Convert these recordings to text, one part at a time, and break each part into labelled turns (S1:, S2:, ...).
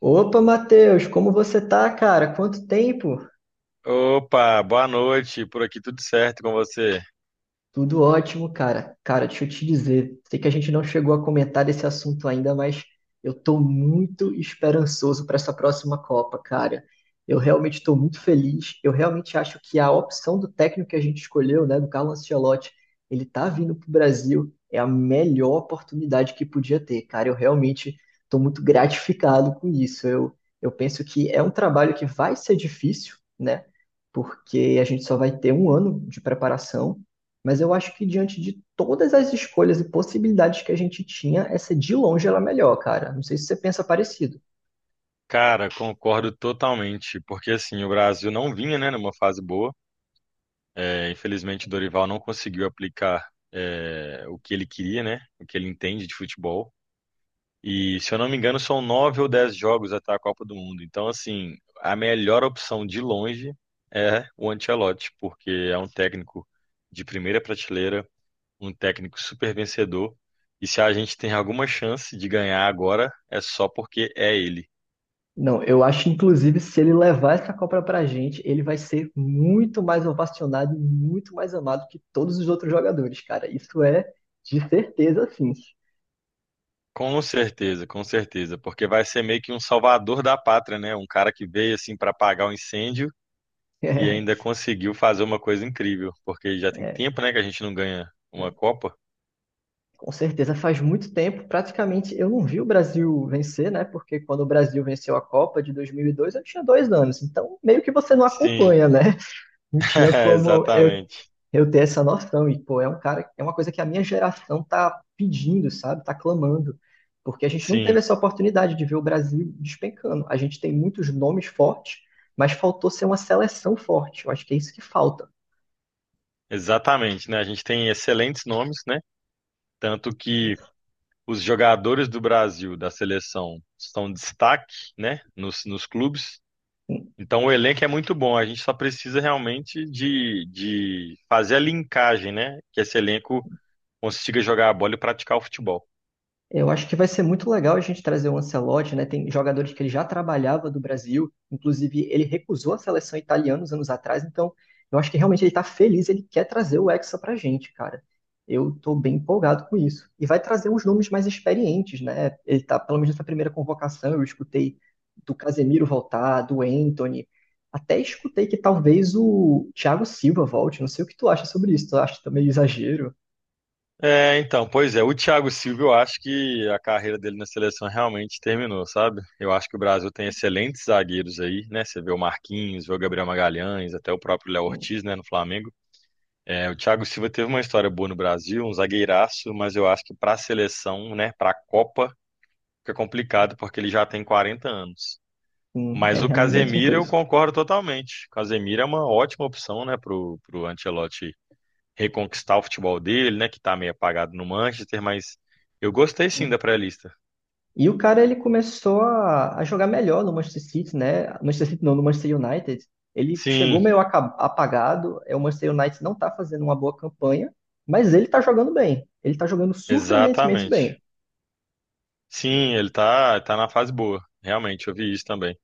S1: Opa, Matheus, como você tá, cara? Quanto tempo?
S2: Opa, boa noite. Por aqui tudo certo com você?
S1: Tudo ótimo, cara. Cara, deixa eu te dizer, sei que a gente não chegou a comentar desse assunto ainda, mas eu tô muito esperançoso para essa próxima Copa, cara. Eu realmente estou muito feliz. Eu realmente acho que a opção do técnico que a gente escolheu, né, do Carlo Ancelotti, ele tá vindo pro Brasil, é a melhor oportunidade que podia ter, cara. Eu realmente estou muito gratificado com isso. Eu penso que é um trabalho que vai ser difícil, né? Porque a gente só vai ter um ano de preparação, mas eu acho que diante de todas as escolhas e possibilidades que a gente tinha, essa de longe era a melhor, cara. Não sei se você pensa parecido.
S2: Cara, concordo totalmente, porque assim, o Brasil não vinha, né, numa fase boa. Infelizmente, o Dorival não conseguiu aplicar o que ele queria, né, o que ele entende de futebol. E, se eu não me engano, são 9 ou 10 jogos até a Copa do Mundo. Então, assim, a melhor opção de longe é o Ancelotti, porque é um técnico de primeira prateleira, um técnico super vencedor. E se a gente tem alguma chance de ganhar agora, é só porque é ele.
S1: Não, eu acho inclusive se ele levar essa Copa pra gente, ele vai ser muito mais ovacionado e muito mais amado que todos os outros jogadores, cara. Isso é de certeza, sim.
S2: Com certeza, porque vai ser meio que um salvador da pátria, né? Um cara que veio assim para apagar o incêndio e ainda conseguiu fazer uma coisa incrível, porque já tem
S1: É,
S2: tempo, né, que a gente não ganha
S1: é,
S2: uma Copa.
S1: com certeza faz muito tempo, praticamente eu não vi o Brasil vencer, né? Porque quando o Brasil venceu a Copa de 2002, eu tinha dois anos, então meio que você não
S2: Sim,
S1: acompanha, né? Não tinha
S2: é,
S1: como eu
S2: exatamente.
S1: eu ter essa noção. E, pô, é um cara, é uma coisa que a minha geração tá pedindo, sabe? Tá clamando. Porque a gente não
S2: Sim,
S1: teve essa oportunidade de ver o Brasil despencando. A gente tem muitos nomes fortes, mas faltou ser uma seleção forte. Eu acho que é isso que falta.
S2: exatamente, né? A gente tem excelentes nomes, né? Tanto que os jogadores do Brasil, da seleção, são destaque, né, nos clubes. Então o elenco é muito bom, a gente só precisa realmente de fazer a linkagem, né? Que esse elenco consiga jogar a bola e praticar o futebol.
S1: Eu acho que vai ser muito legal a gente trazer o Ancelotti, né? Tem jogadores que ele já trabalhava do Brasil, inclusive ele recusou a seleção italiana uns anos atrás, então eu acho que realmente ele tá feliz, ele quer trazer o Hexa pra gente, cara. Eu tô bem empolgado com isso. E vai trazer uns nomes mais experientes, né? Ele tá, pelo menos nessa primeira convocação, eu escutei do Casemiro voltar, do Anthony, até escutei que talvez o Thiago Silva volte, não sei o que tu acha sobre isso, tu acha também exagero?
S2: Então, pois é, o Thiago Silva, eu acho que a carreira dele na seleção realmente terminou, sabe? Eu acho que o Brasil tem excelentes zagueiros aí, né? Você vê o Marquinhos, vê o Gabriel Magalhães, até o próprio Léo
S1: Hum,
S2: Ortiz, né, no Flamengo. É, o Thiago Silva teve uma história boa no Brasil, um zagueiraço, mas eu acho que para a seleção, né, para a Copa, fica complicado porque ele já tem 40 anos.
S1: É
S2: Mas o
S1: realmente um
S2: Casemiro eu
S1: peso.
S2: concordo totalmente. O Casemiro é uma ótima opção, né, pro Ancelotti reconquistar o futebol dele, né, que tá meio apagado no Manchester, mas eu gostei sim da pré-lista.
S1: E o cara ele começou a jogar melhor no Manchester City, né? Manchester City não, no Manchester United. Ele chegou
S2: Sim,
S1: meio apagado. É, o Manchester United não tá fazendo uma boa campanha, mas ele tá jogando bem. Ele tá jogando surpreendentemente
S2: exatamente.
S1: bem.
S2: Sim, ele tá na fase boa. Realmente, eu vi isso também.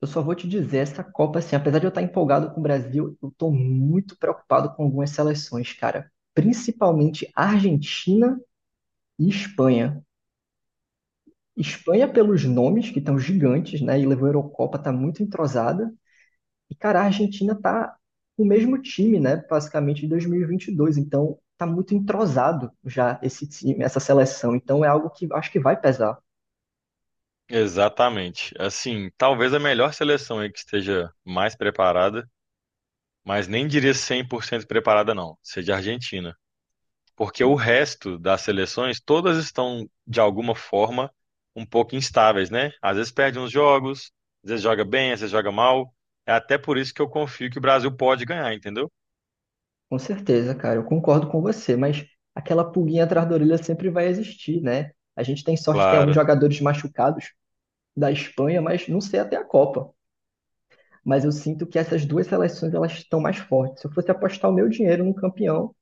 S1: Eu só vou te dizer, essa Copa, assim, apesar de eu estar empolgado com o Brasil, eu tô muito preocupado com algumas seleções, cara. Principalmente Argentina e Espanha. Espanha, pelos nomes, que estão gigantes, né? E levou a Eurocopa, tá muito entrosada. E, cara, a Argentina tá com o mesmo time, né? Basicamente de 2022. Então, tá muito entrosado já esse time, essa seleção. Então, é algo que acho que vai pesar.
S2: Exatamente. Assim, talvez a melhor seleção aí que esteja mais preparada, mas nem diria 100% preparada, não, seja a Argentina. Porque o resto das seleções, todas estão, de alguma forma, um pouco instáveis, né? Às vezes perde uns jogos, às vezes joga bem, às vezes joga mal. É até por isso que eu confio que o Brasil pode ganhar, entendeu?
S1: Com certeza, cara. Eu concordo com você, mas aquela pulguinha atrás da orelha sempre vai existir, né? A gente tem sorte, tem alguns
S2: Claro.
S1: jogadores machucados da Espanha, mas não sei até a Copa. Mas eu sinto que essas duas seleções elas estão mais fortes. Se eu fosse apostar o meu dinheiro num campeão,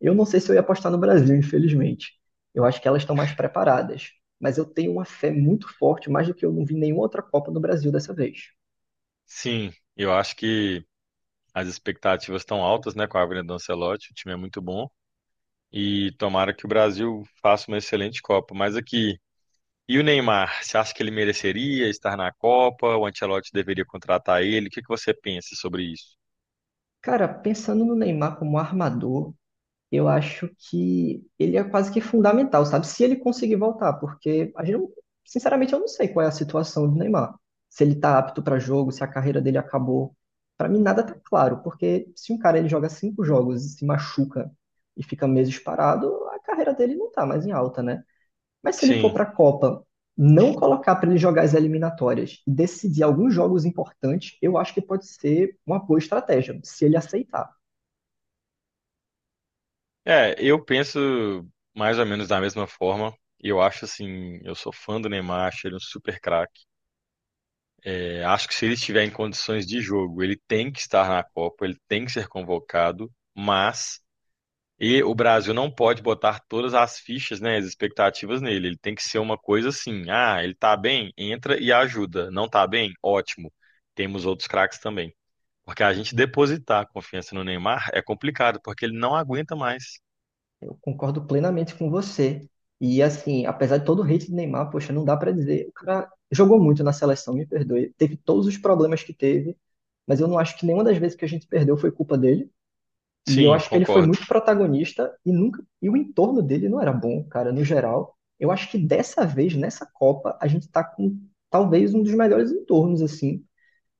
S1: eu não sei se eu ia apostar no Brasil, infelizmente. Eu acho que elas estão mais preparadas, mas eu tenho uma fé muito forte, mais do que eu não vi nenhuma outra Copa no Brasil dessa vez.
S2: Sim, eu acho que as expectativas estão altas, né, com a vinda do Ancelotti, o time é muito bom. E tomara que o Brasil faça uma excelente Copa. Mas aqui, e o Neymar? Você acha que ele mereceria estar na Copa? O Ancelotti deveria contratar ele? O que que você pensa sobre isso?
S1: Cara, pensando no Neymar como armador, eu acho que ele é quase que fundamental, sabe? Se ele conseguir voltar, porque a gente não, sinceramente eu não sei qual é a situação do Neymar. Se ele tá apto para jogo, se a carreira dele acabou. Para mim nada tá claro, porque se um cara ele joga cinco jogos e se machuca e fica meses parado, a carreira dele não tá mais em alta, né? Mas se ele for
S2: Sim.
S1: para a Copa, não colocar para ele jogar as eliminatórias e decidir alguns jogos importantes, eu acho que pode ser uma boa estratégia, se ele aceitar.
S2: É, eu penso mais ou menos da mesma forma. Eu acho assim, eu sou fã do Neymar, acho ele um super craque. É, acho que se ele estiver em condições de jogo, ele tem que estar na Copa, ele tem que ser convocado, mas o Brasil não pode botar todas as fichas, né, as expectativas nele. Ele tem que ser uma coisa assim, ah, ele tá bem, entra e ajuda. Não tá bem? Ótimo. Temos outros craques também. Porque a gente depositar a confiança no Neymar é complicado, porque ele não aguenta mais.
S1: Concordo plenamente com você. E assim, apesar de todo o hate de Neymar, poxa, não dá pra dizer. O cara jogou muito na seleção, me perdoe. Teve todos os problemas que teve, mas eu não acho que nenhuma das vezes que a gente perdeu foi culpa dele. E eu
S2: Sim,
S1: acho que ele foi
S2: concordo.
S1: muito protagonista e nunca e o entorno dele não era bom, cara, no geral. Eu acho que dessa vez, nessa Copa, a gente tá com talvez um dos melhores entornos assim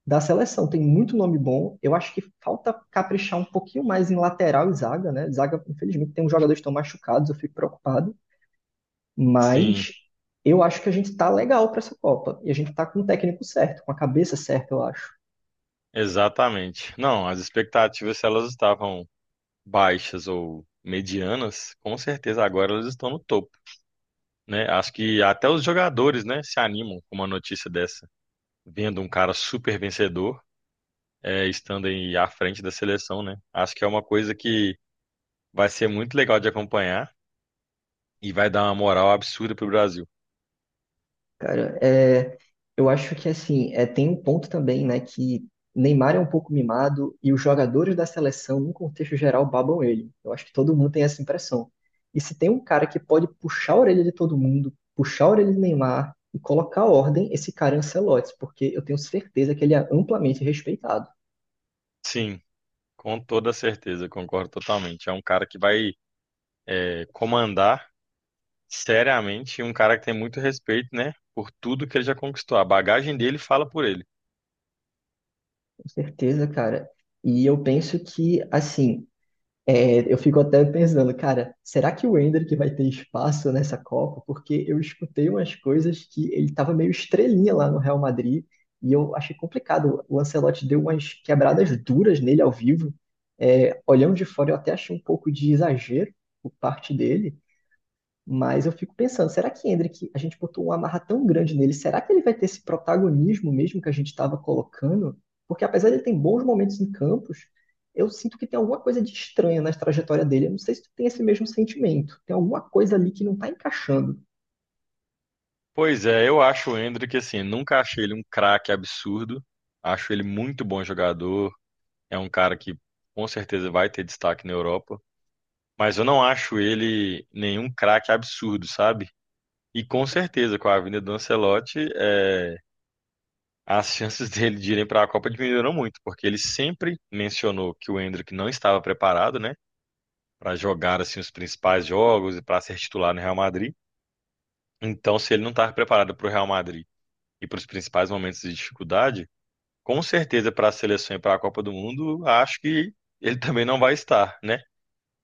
S1: da seleção. Tem muito nome bom. Eu acho que falta caprichar um pouquinho mais em lateral e zaga, né? Zaga, infelizmente, tem uns jogadores que estão machucados, eu fico preocupado.
S2: Sim,
S1: Mas eu acho que a gente tá legal para essa Copa. E a gente tá com o técnico certo, com a cabeça certa, eu acho.
S2: exatamente. Não, as expectativas, se elas estavam baixas ou medianas, com certeza agora elas estão no topo, né? Acho que até os jogadores, né, se animam com uma notícia dessa, vendo um cara super vencedor, estando aí à frente da seleção, né? Acho que é uma coisa que vai ser muito legal de acompanhar e vai dar uma moral absurda pro Brasil.
S1: Cara, é, eu acho que assim, é, tem um ponto também, né, que Neymar é um pouco mimado e os jogadores da seleção, num contexto geral, babam ele. Eu acho que todo mundo tem essa impressão. E se tem um cara que pode puxar a orelha de todo mundo, puxar a orelha de Neymar e colocar ordem, esse cara é Ancelotti, porque eu tenho certeza que ele é amplamente respeitado.
S2: Sim, com toda certeza, concordo totalmente. É um cara que vai, comandar seriamente, um cara que tem muito respeito, né? Por tudo que ele já conquistou. A bagagem dele fala por ele.
S1: Com certeza, cara. E eu penso que, assim, é, eu fico até pensando, cara, será que o Endrick vai ter espaço nessa Copa? Porque eu escutei umas coisas que ele estava meio estrelinha lá no Real Madrid e eu achei complicado. O Ancelotti deu umas quebradas duras nele ao vivo. É, olhando de fora, eu até achei um pouco de exagero por parte dele. Mas eu fico pensando, será que Hendrick, a gente botou uma amarra tão grande nele, será que ele vai ter esse protagonismo mesmo que a gente estava colocando? Porque apesar de ele ter bons momentos em campos, eu sinto que tem alguma coisa de estranha na trajetória dele. Eu não sei se tu tem esse mesmo sentimento. Tem alguma coisa ali que não está encaixando
S2: Pois é, eu acho o Endrick, assim, nunca achei ele um craque absurdo. Acho ele muito bom jogador. É um cara que com certeza vai ter destaque na Europa. Mas eu não acho ele nenhum craque absurdo, sabe? E com certeza, com a vinda do Ancelotti, é, as chances dele de irem para a Copa diminuíram muito, porque ele sempre mencionou que o Endrick não estava preparado, né? Para jogar assim os principais jogos e para ser titular no Real Madrid. Então, se ele não estava preparado para o Real Madrid e para os principais momentos de dificuldade, com certeza para a seleção e para a Copa do Mundo, acho que ele também não vai estar, né?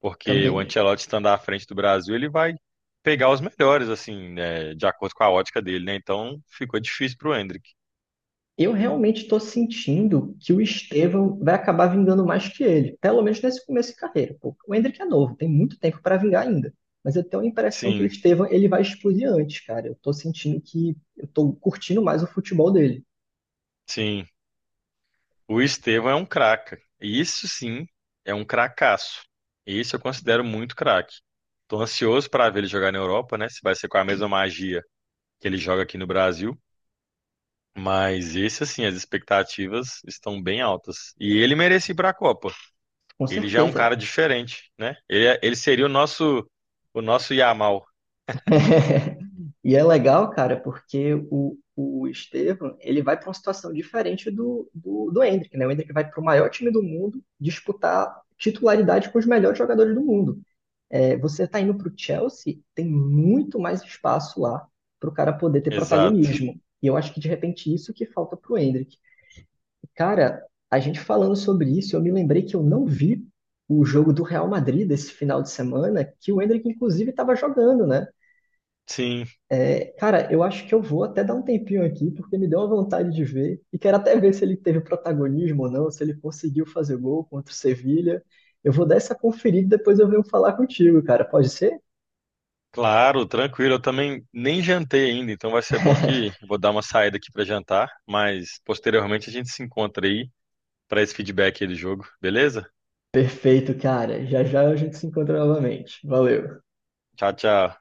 S2: Porque o
S1: também.
S2: Ancelotti estando à frente do Brasil, ele vai pegar os melhores, assim, né? De acordo com a ótica dele, né? Então, ficou difícil para o Endrick.
S1: Eu realmente estou sentindo que o Estevão vai acabar vingando mais que ele, pelo menos nesse começo de carreira. Pô. O Endrick é novo, tem muito tempo para vingar ainda. Mas eu tenho a impressão que o
S2: Sim,
S1: Estevão ele vai explodir antes, cara. Eu estou sentindo que eu estou curtindo mais o futebol dele,
S2: sim. O Estevão é um craca. Isso sim é um cracaço. Isso eu considero muito craque. Tô ansioso para ver ele jogar na Europa, né? Se vai ser com a mesma magia que ele joga aqui no Brasil. Mas esse, assim, as expectativas estão bem altas. E ele merece ir para a Copa.
S1: com
S2: Ele já é um cara
S1: certeza.
S2: diferente, né? Ele seria o nosso Yamal.
S1: E é legal, cara, porque o Estevão ele vai para uma situação diferente do Hendrick, né? O Hendrick vai para o maior time do mundo disputar titularidade com os melhores jogadores do mundo. É, você está indo para o Chelsea, tem muito mais espaço lá para o cara poder ter
S2: Exato.
S1: protagonismo. E eu acho que de repente isso que falta para o Endrick. Cara, a gente falando sobre isso, eu me lembrei que eu não vi o jogo do Real Madrid desse final de semana, que o Endrick inclusive estava jogando, né?
S2: Sim,
S1: É, cara, eu acho que eu vou até dar um tempinho aqui, porque me deu uma vontade de ver. E quero até ver se ele teve protagonismo ou não, se ele conseguiu fazer gol contra o Sevilha. Eu vou dar essa conferida e depois eu venho falar contigo, cara. Pode ser?
S2: claro, tranquilo. Eu também nem jantei ainda, então vai ser bom que eu vou dar uma saída aqui para jantar, mas posteriormente a gente se encontra aí para esse feedback aí do jogo, beleza?
S1: Perfeito, cara. Já já a gente se encontra novamente. Valeu.
S2: Tchau, tchau.